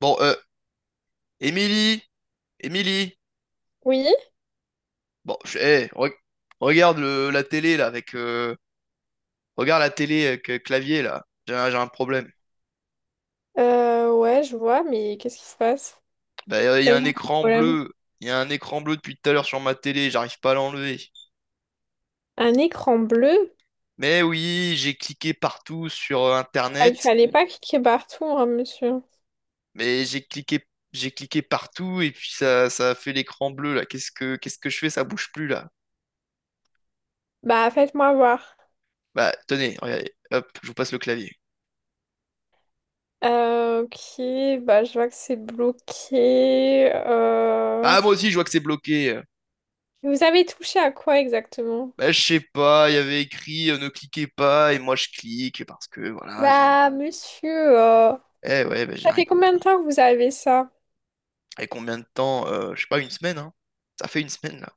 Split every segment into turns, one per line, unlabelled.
Bon, Émilie, Émilie,
Oui,
bon, regarde la télé là avec, regarde la télé avec clavier là. J'ai un problème.
ouais, je vois, mais qu'est-ce qui se passe?
Bah,
Quel genre de problème?
il y a un écran bleu depuis tout à l'heure sur ma télé, j'arrive pas à l'enlever.
Un écran bleu?
Mais oui, j'ai cliqué partout sur
Ah, il
Internet,
fallait pas cliquer partout, hein, monsieur.
mais j'ai cliqué partout et puis ça a fait l'écran bleu là. Qu'est-ce que je fais? Ça bouge plus là.
Bah, faites-moi voir.
Bah, tenez, regardez, hop, je vous passe le clavier.
Ok, bah, je vois que c'est bloqué.
Ah, moi aussi, je vois que c'est bloqué.
Vous avez touché à quoi exactement?
Bah, je sais pas, il y avait écrit ne cliquez pas et moi je clique parce que voilà, j'ai.
Bah, monsieur, euh,
Eh ouais, bah, j'ai
ça
rien
fait combien de
compris.
temps que vous avez ça?
Et combien de temps? Je sais pas, une semaine, hein. Ça fait une semaine là.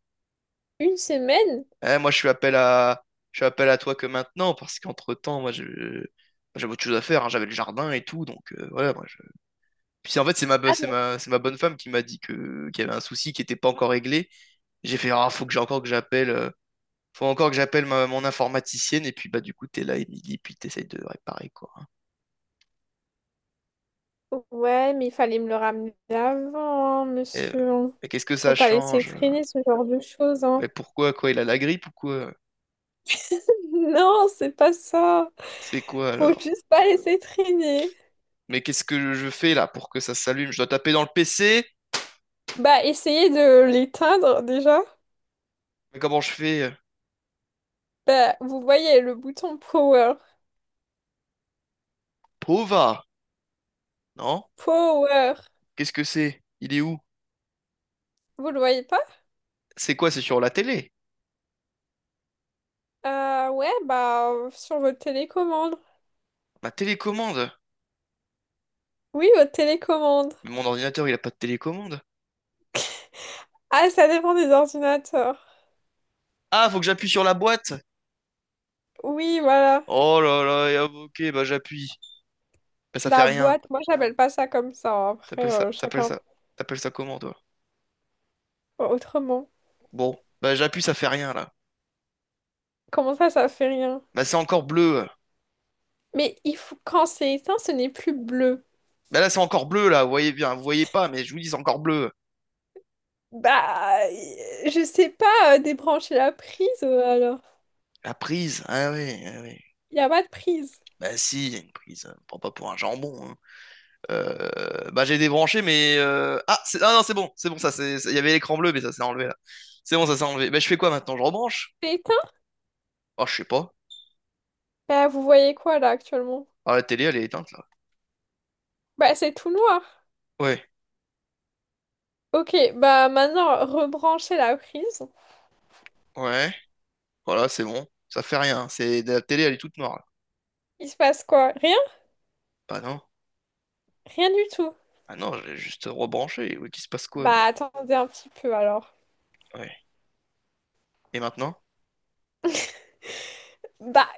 Une semaine?
Eh, moi je suis appel à toi que maintenant parce qu'entre-temps, moi je j'avais autre chose à faire, hein. J'avais le jardin et tout, donc voilà, moi je... Puis en fait, c'est ma bo- c'est ma bonne femme qui m'a dit que qu'il y avait un souci qui était pas encore réglé. J'ai fait ah, faut encore que j'appelle mon informaticienne et puis bah du coup, t'es là Émilie, puis t'essayes de réparer quoi.
Ouais, mais il fallait me le ramener avant, hein,
Et,
monsieur.
mais qu'est-ce que
Faut
ça
pas laisser
change?
traîner ce genre de choses,
Mais
hein.
pourquoi, quoi, il a la grippe ou quoi?
Non, c'est pas ça.
C'est quoi
Faut
alors?
juste pas laisser traîner.
Mais qu'est-ce que je fais là pour que ça s'allume? Je dois taper dans le PC?
Bah, essayez de l'éteindre déjà.
Mais comment je fais?
Bah, vous voyez le bouton power.
Pova! Non?
Power.
Qu'est-ce que c'est? Il est où?
Vous le voyez pas?
C'est quoi? C'est sur la télé?
Ouais, bah, sur votre télécommande.
Ma télécommande?
Oui, votre télécommande.
Mais mon ordinateur, il a pas de télécommande.
Ah, ça dépend des ordinateurs.
Ah, faut que j'appuie sur la boîte?
Oui, voilà.
Oh là là, et ah, ok, bah j'appuie. Bah ça fait
La
rien.
boîte, moi, j'appelle pas ça comme ça, hein. Après,
T'appelles ça, t'appelles
chacun
ça, T'appelles ça comment toi?
autrement.
Bon, bah j'appuie, ça fait rien là.
Comment ça, ça fait rien?
Bah c'est encore bleu.
Mais il faut, quand c'est éteint, ce n'est plus bleu.
Ben là, c'est encore bleu, là, vous voyez bien, vous voyez pas, mais je vous dis, c'est encore bleu.
Bah, euh, je sais pas, débrancher la prise, alors.
La prise, ah oui, ah oui.
Il a pas de prise.
Bah si, il y a une prise, on me prend pas pour un jambon, hein. Bah j'ai débranché, mais ah, ah non, c'est bon, ça, c'est, il y avait l'écran bleu, mais ça s'est enlevé, là. C'est bon, ça s'est enlevé. Bah je fais quoi maintenant, je rebranche?
C'est éteint?
Ah, je sais pas.
Bah, vous voyez quoi là actuellement?
Ah, la télé, elle est éteinte, là.
Bah, c'est tout noir.
Ouais,
Ok, bah maintenant, rebranchez la prise.
ouais, voilà, c'est bon. Ça fait rien, c'est. La télé, elle est toute noire, là.
Il se passe quoi? Rien?
Bah non,
Rien du tout.
ah non, j'ai juste rebranché, oui, qu'il se passe quoi?
Bah, attendez un petit peu alors.
Ouais. Et maintenant?
Bah,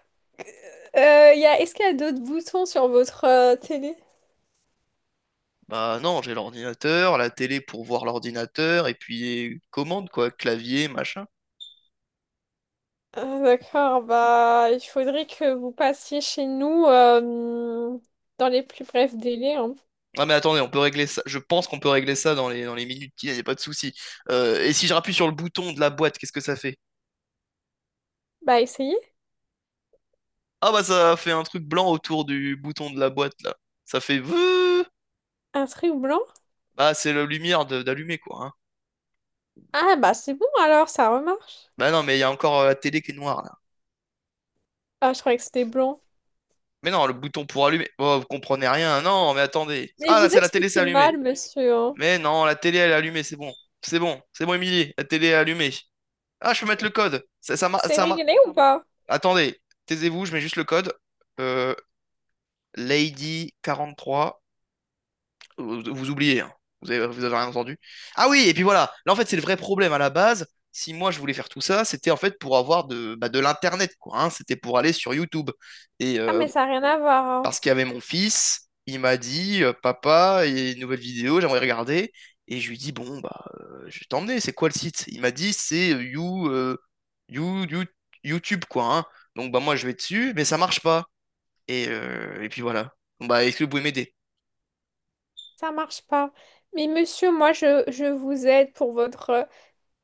Y a, est-ce qu'il y a d'autres boutons sur votre télé?
Bah non, j'ai l'ordinateur, la télé pour voir l'ordinateur, et puis commande, quoi, clavier, machin.
Ah, d'accord, bah, il faudrait que vous passiez chez nous dans les plus brefs délais, hein.
Ah mais attendez, on peut régler ça. Je pense qu'on peut régler ça dans dans les minutes qui viennent, y a pas de souci. Et si je rappuie sur le bouton de la boîte, qu'est-ce que ça fait?
Bah, essayez.
Ah bah ça fait un truc blanc autour du bouton de la boîte là. Ça fait veuh.
Un truc blanc?
Bah c'est la lumière d'allumer quoi, hein.
Ah, bah c'est bon alors, ça remarche.
Bah non, mais il y a encore la télé qui est noire là.
Ah, je croyais que c'était blond.
Mais non, le bouton pour allumer. Oh, vous comprenez rien. Non, mais attendez.
Mais
Ah là,
vous
c'est la télé, c'est
expliquez
allumé.
mal, monsieur, hein.
Mais non, la télé elle est allumée, c'est bon. C'est bon, c'est bon Émilie, la télé est allumée. Ah, je peux mettre le code. Ça m'a-
C'est
ça m'a-.
réglé ou pas?
Attendez, taisez-vous, je mets juste le code. Euh, Lady 43. Vous oubliez, hein. Vous avez rien entendu. Ah oui, et puis voilà. Là, en fait, c'est le vrai problème à la base. Si moi je voulais faire tout ça, c'était en fait pour avoir bah, de l'internet, quoi, hein. C'était pour aller sur YouTube. Et
Ah,
euh,
mais ça n'a rien à voir, hein.
Parce qu'il y avait mon fils. Il m'a dit, papa, il y a une nouvelle vidéo, j'aimerais regarder. Et je lui dis, bon, bah, je vais t'emmener, c'est quoi le site? Il m'a dit, c'est You- You- YouTube, quoi, hein. Donc, bah, moi, je vais dessus, mais ça marche pas. Et puis voilà. Bon, bah, est-ce que vous pouvez m'aider?
Ça marche pas. Mais monsieur, moi, je vous aide pour votre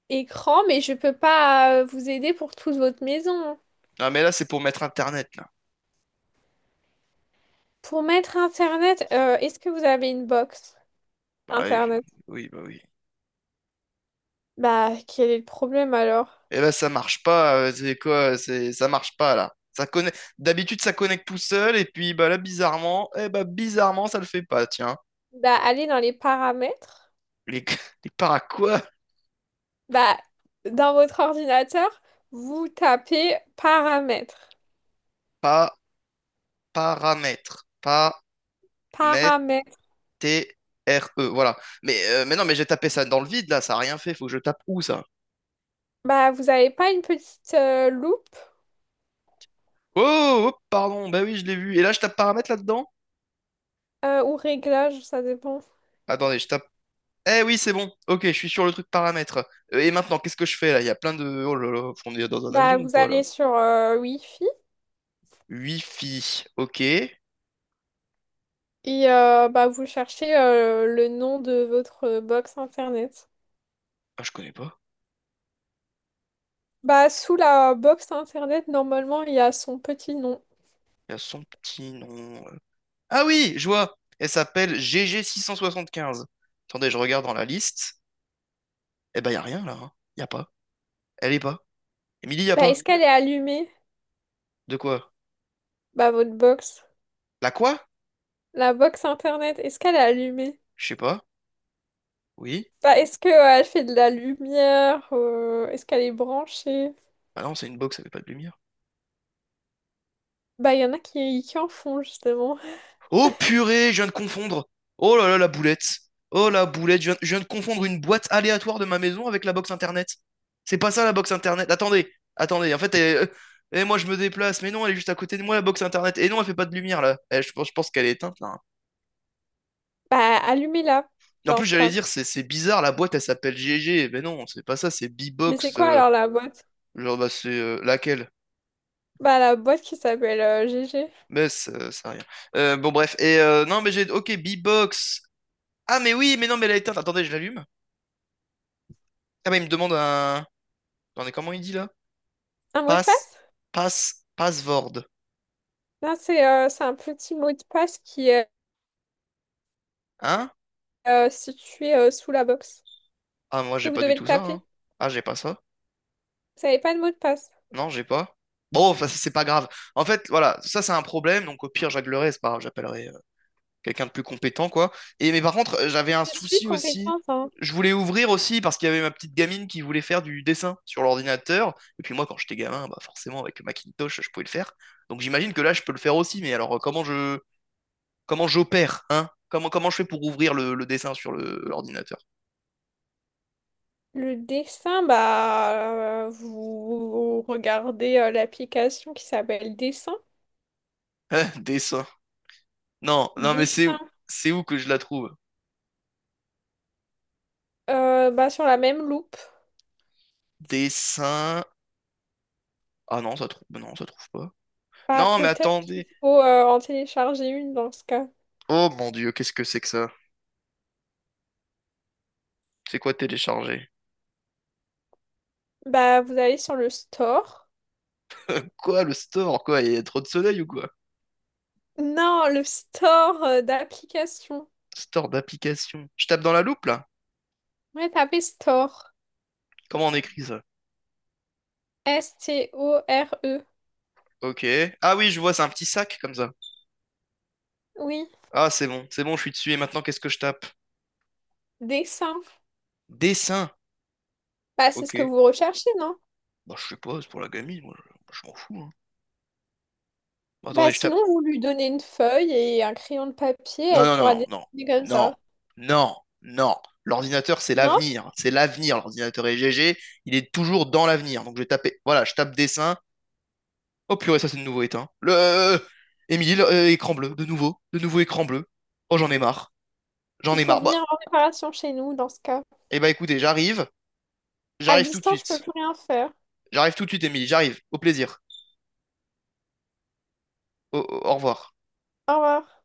écran, mais je peux pas vous aider pour toute votre maison, hein.
Ah mais là, c'est pour mettre Internet, là.
Pour mettre Internet, est-ce que vous avez une box
Bah, ouais,
Internet?
oui, bah oui.
Bah, quel est le problème alors?
Et là, ça marche pas, c'est quoi? C'est. Ça marche pas, là. Ça connecte. D'habitude, ça connecte tout seul, et puis, bah, là, bizarrement, ça le fait pas, tiens.
Bah, allez dans les paramètres.
Les, les para quoi?
Bah, dans votre ordinateur, vous tapez paramètres.
Pas paramètres. Pas
Paramètres.
T-R-E. Voilà. Mais non, mais j'ai tapé ça dans le vide là, ça a rien fait. Faut que je tape où ça?
Bah, vous avez pas une petite loupe
Oh, oh, pardon, bah oui, je l'ai vu. Et là, je tape paramètres là-dedans?
ou réglage, ça dépend.
Attendez, je tape. Eh oui, c'est bon. Ok, je suis sur le truc paramètres. Et maintenant, qu'est-ce que je fais là? Il y a plein de. Oh là là, on est dans un
Bah,
avion ou
vous
quoi là?
allez sur Wi-Fi
Wi-Fi. Ok.
et bah, vous cherchez le nom de votre box internet.
Ah, je connais pas.
Bah, sous la box internet, normalement, il y a son petit nom.
Il y a son petit nom. Ah oui, je vois. Elle s'appelle gg 15. Attendez, je regarde dans la liste. Eh ben, y a rien là, hein. Y a pas. Elle est pas. Émilie, y a
Bah,
pas.
est-ce qu'elle est allumée?
De quoi?
Bah, votre box.
La quoi?
La box internet, est-ce qu'elle est allumée?
Je sais pas. Oui.
Bah, est-ce que elle fait de la lumière? Est-ce qu'elle est branchée?
Ah non, c'est une box, ça fait pas de lumière.
Bah, il y en a qui en font justement.
Oh purée, je viens de confondre. Oh là là, la boulette. Oh la boulette, je viens de confondre une boîte aléatoire de ma maison avec la box internet. C'est pas ça la box internet. Attendez, attendez. En fait, moi je me déplace, mais non, elle est juste à côté de moi la box internet. Et non, elle fait pas de lumière là. Eh, je pense qu'elle est éteinte là.
Bah, allumez-la
En
dans
plus,
ce
j'allais
cas.
dire, c'est bizarre, la boîte elle s'appelle GG. Mais non, c'est pas ça, c'est
Mais c'est
B-Box.
quoi alors la boîte?
Genre, bah, c'est laquelle?
Bah la boîte qui s'appelle GG.
Mais ça a rien. Bon, bref. Et non, mais j'ai. Ok, B-Box. Ah, mais oui, mais non, mais elle a éteinte. Attendez, je l'allume. Ah, mais il me demande un. Attendez, comment il dit là?
Un mot de
Pass.
passe?
Pass. Password.
Non, c'est un petit mot de passe qui est
Hein?
situé sous la box.
Ah, moi,
Et
j'ai
vous
pas du
devez le
tout ça,
taper.
hein. Ah, j'ai pas ça.
Vous n'avez pas de mot de passe.
Non, j'ai pas. Bon, enfin, c'est pas grave. En fait, voilà, ça, c'est un problème. Donc, au pire, je réglerai. C'est pas grave, j'appellerai quelqu'un de plus compétent, quoi. Et, mais par contre, j'avais un
Je suis
souci aussi.
compétente, hein.
Je voulais ouvrir aussi parce qu'il y avait ma petite gamine qui voulait faire du dessin sur l'ordinateur. Et puis moi, quand j'étais gamin, bah forcément, avec Macintosh, je pouvais le faire. Donc j'imagine que là, je peux le faire aussi. Mais alors, comment j'opère, hein? Comment je fais pour ouvrir le dessin sur l'ordinateur?
Le dessin, bah vous regardez l'application qui s'appelle Dessin.
Hein, dessin. Non, non, mais c'est où?
Dessin.
C'est où que je la trouve?
Bah, sur la même loupe.
Dessin. Ah non, ça trouve. Non, ça trouve pas.
Bah
Non, mais
peut-être qu'il
attendez.
faut en télécharger une dans ce cas.
Oh mon Dieu, qu'est-ce que c'est que ça? C'est quoi télécharger?
Bah vous allez sur le store.
Quoi, le store, quoi? Il y a trop de soleil ou quoi?
Non, le store d'application.
Store d'application. Je tape dans la loupe, là?
Ouais, tapez store.
Comment on écrit ça?
STORE.
Ok. Ah oui, je vois, c'est un petit sac comme ça.
Oui,
Ah, c'est bon, je suis dessus. Et maintenant, qu'est-ce que je tape?
dessin.
Dessin.
Bah, c'est ce que
Ok.
vous recherchez, non?
Bah, je sais pas, c'est pour la gamine, moi. Je m'en fous, hein. Bah,
Bah,
attendez, je tape.
sinon, vous lui donnez une feuille et un crayon de papier,
Non,
elle
non,
pourra
non, non,
dessiner comme
non,
ça.
non, non, non. L'ordinateur, c'est
Non?
l'avenir. C'est l'avenir, l'ordinateur. Et GG, il est toujours dans l'avenir. Donc, je vais taper. Voilà, je tape dessin. Oh purée, ça c'est de nouveau éteint. Le Émile, écran bleu, de nouveau écran bleu. Oh j'en ai marre, j'en
Il
ai
faut
marre. Bah,
venir en réparation chez nous dans ce cas.
eh bah écoutez, j'arrive,
À
j'arrive tout de
distance, je peux
suite.
plus rien faire.
J'arrive tout de suite, Émile, j'arrive. Au plaisir. Au revoir.
Au revoir.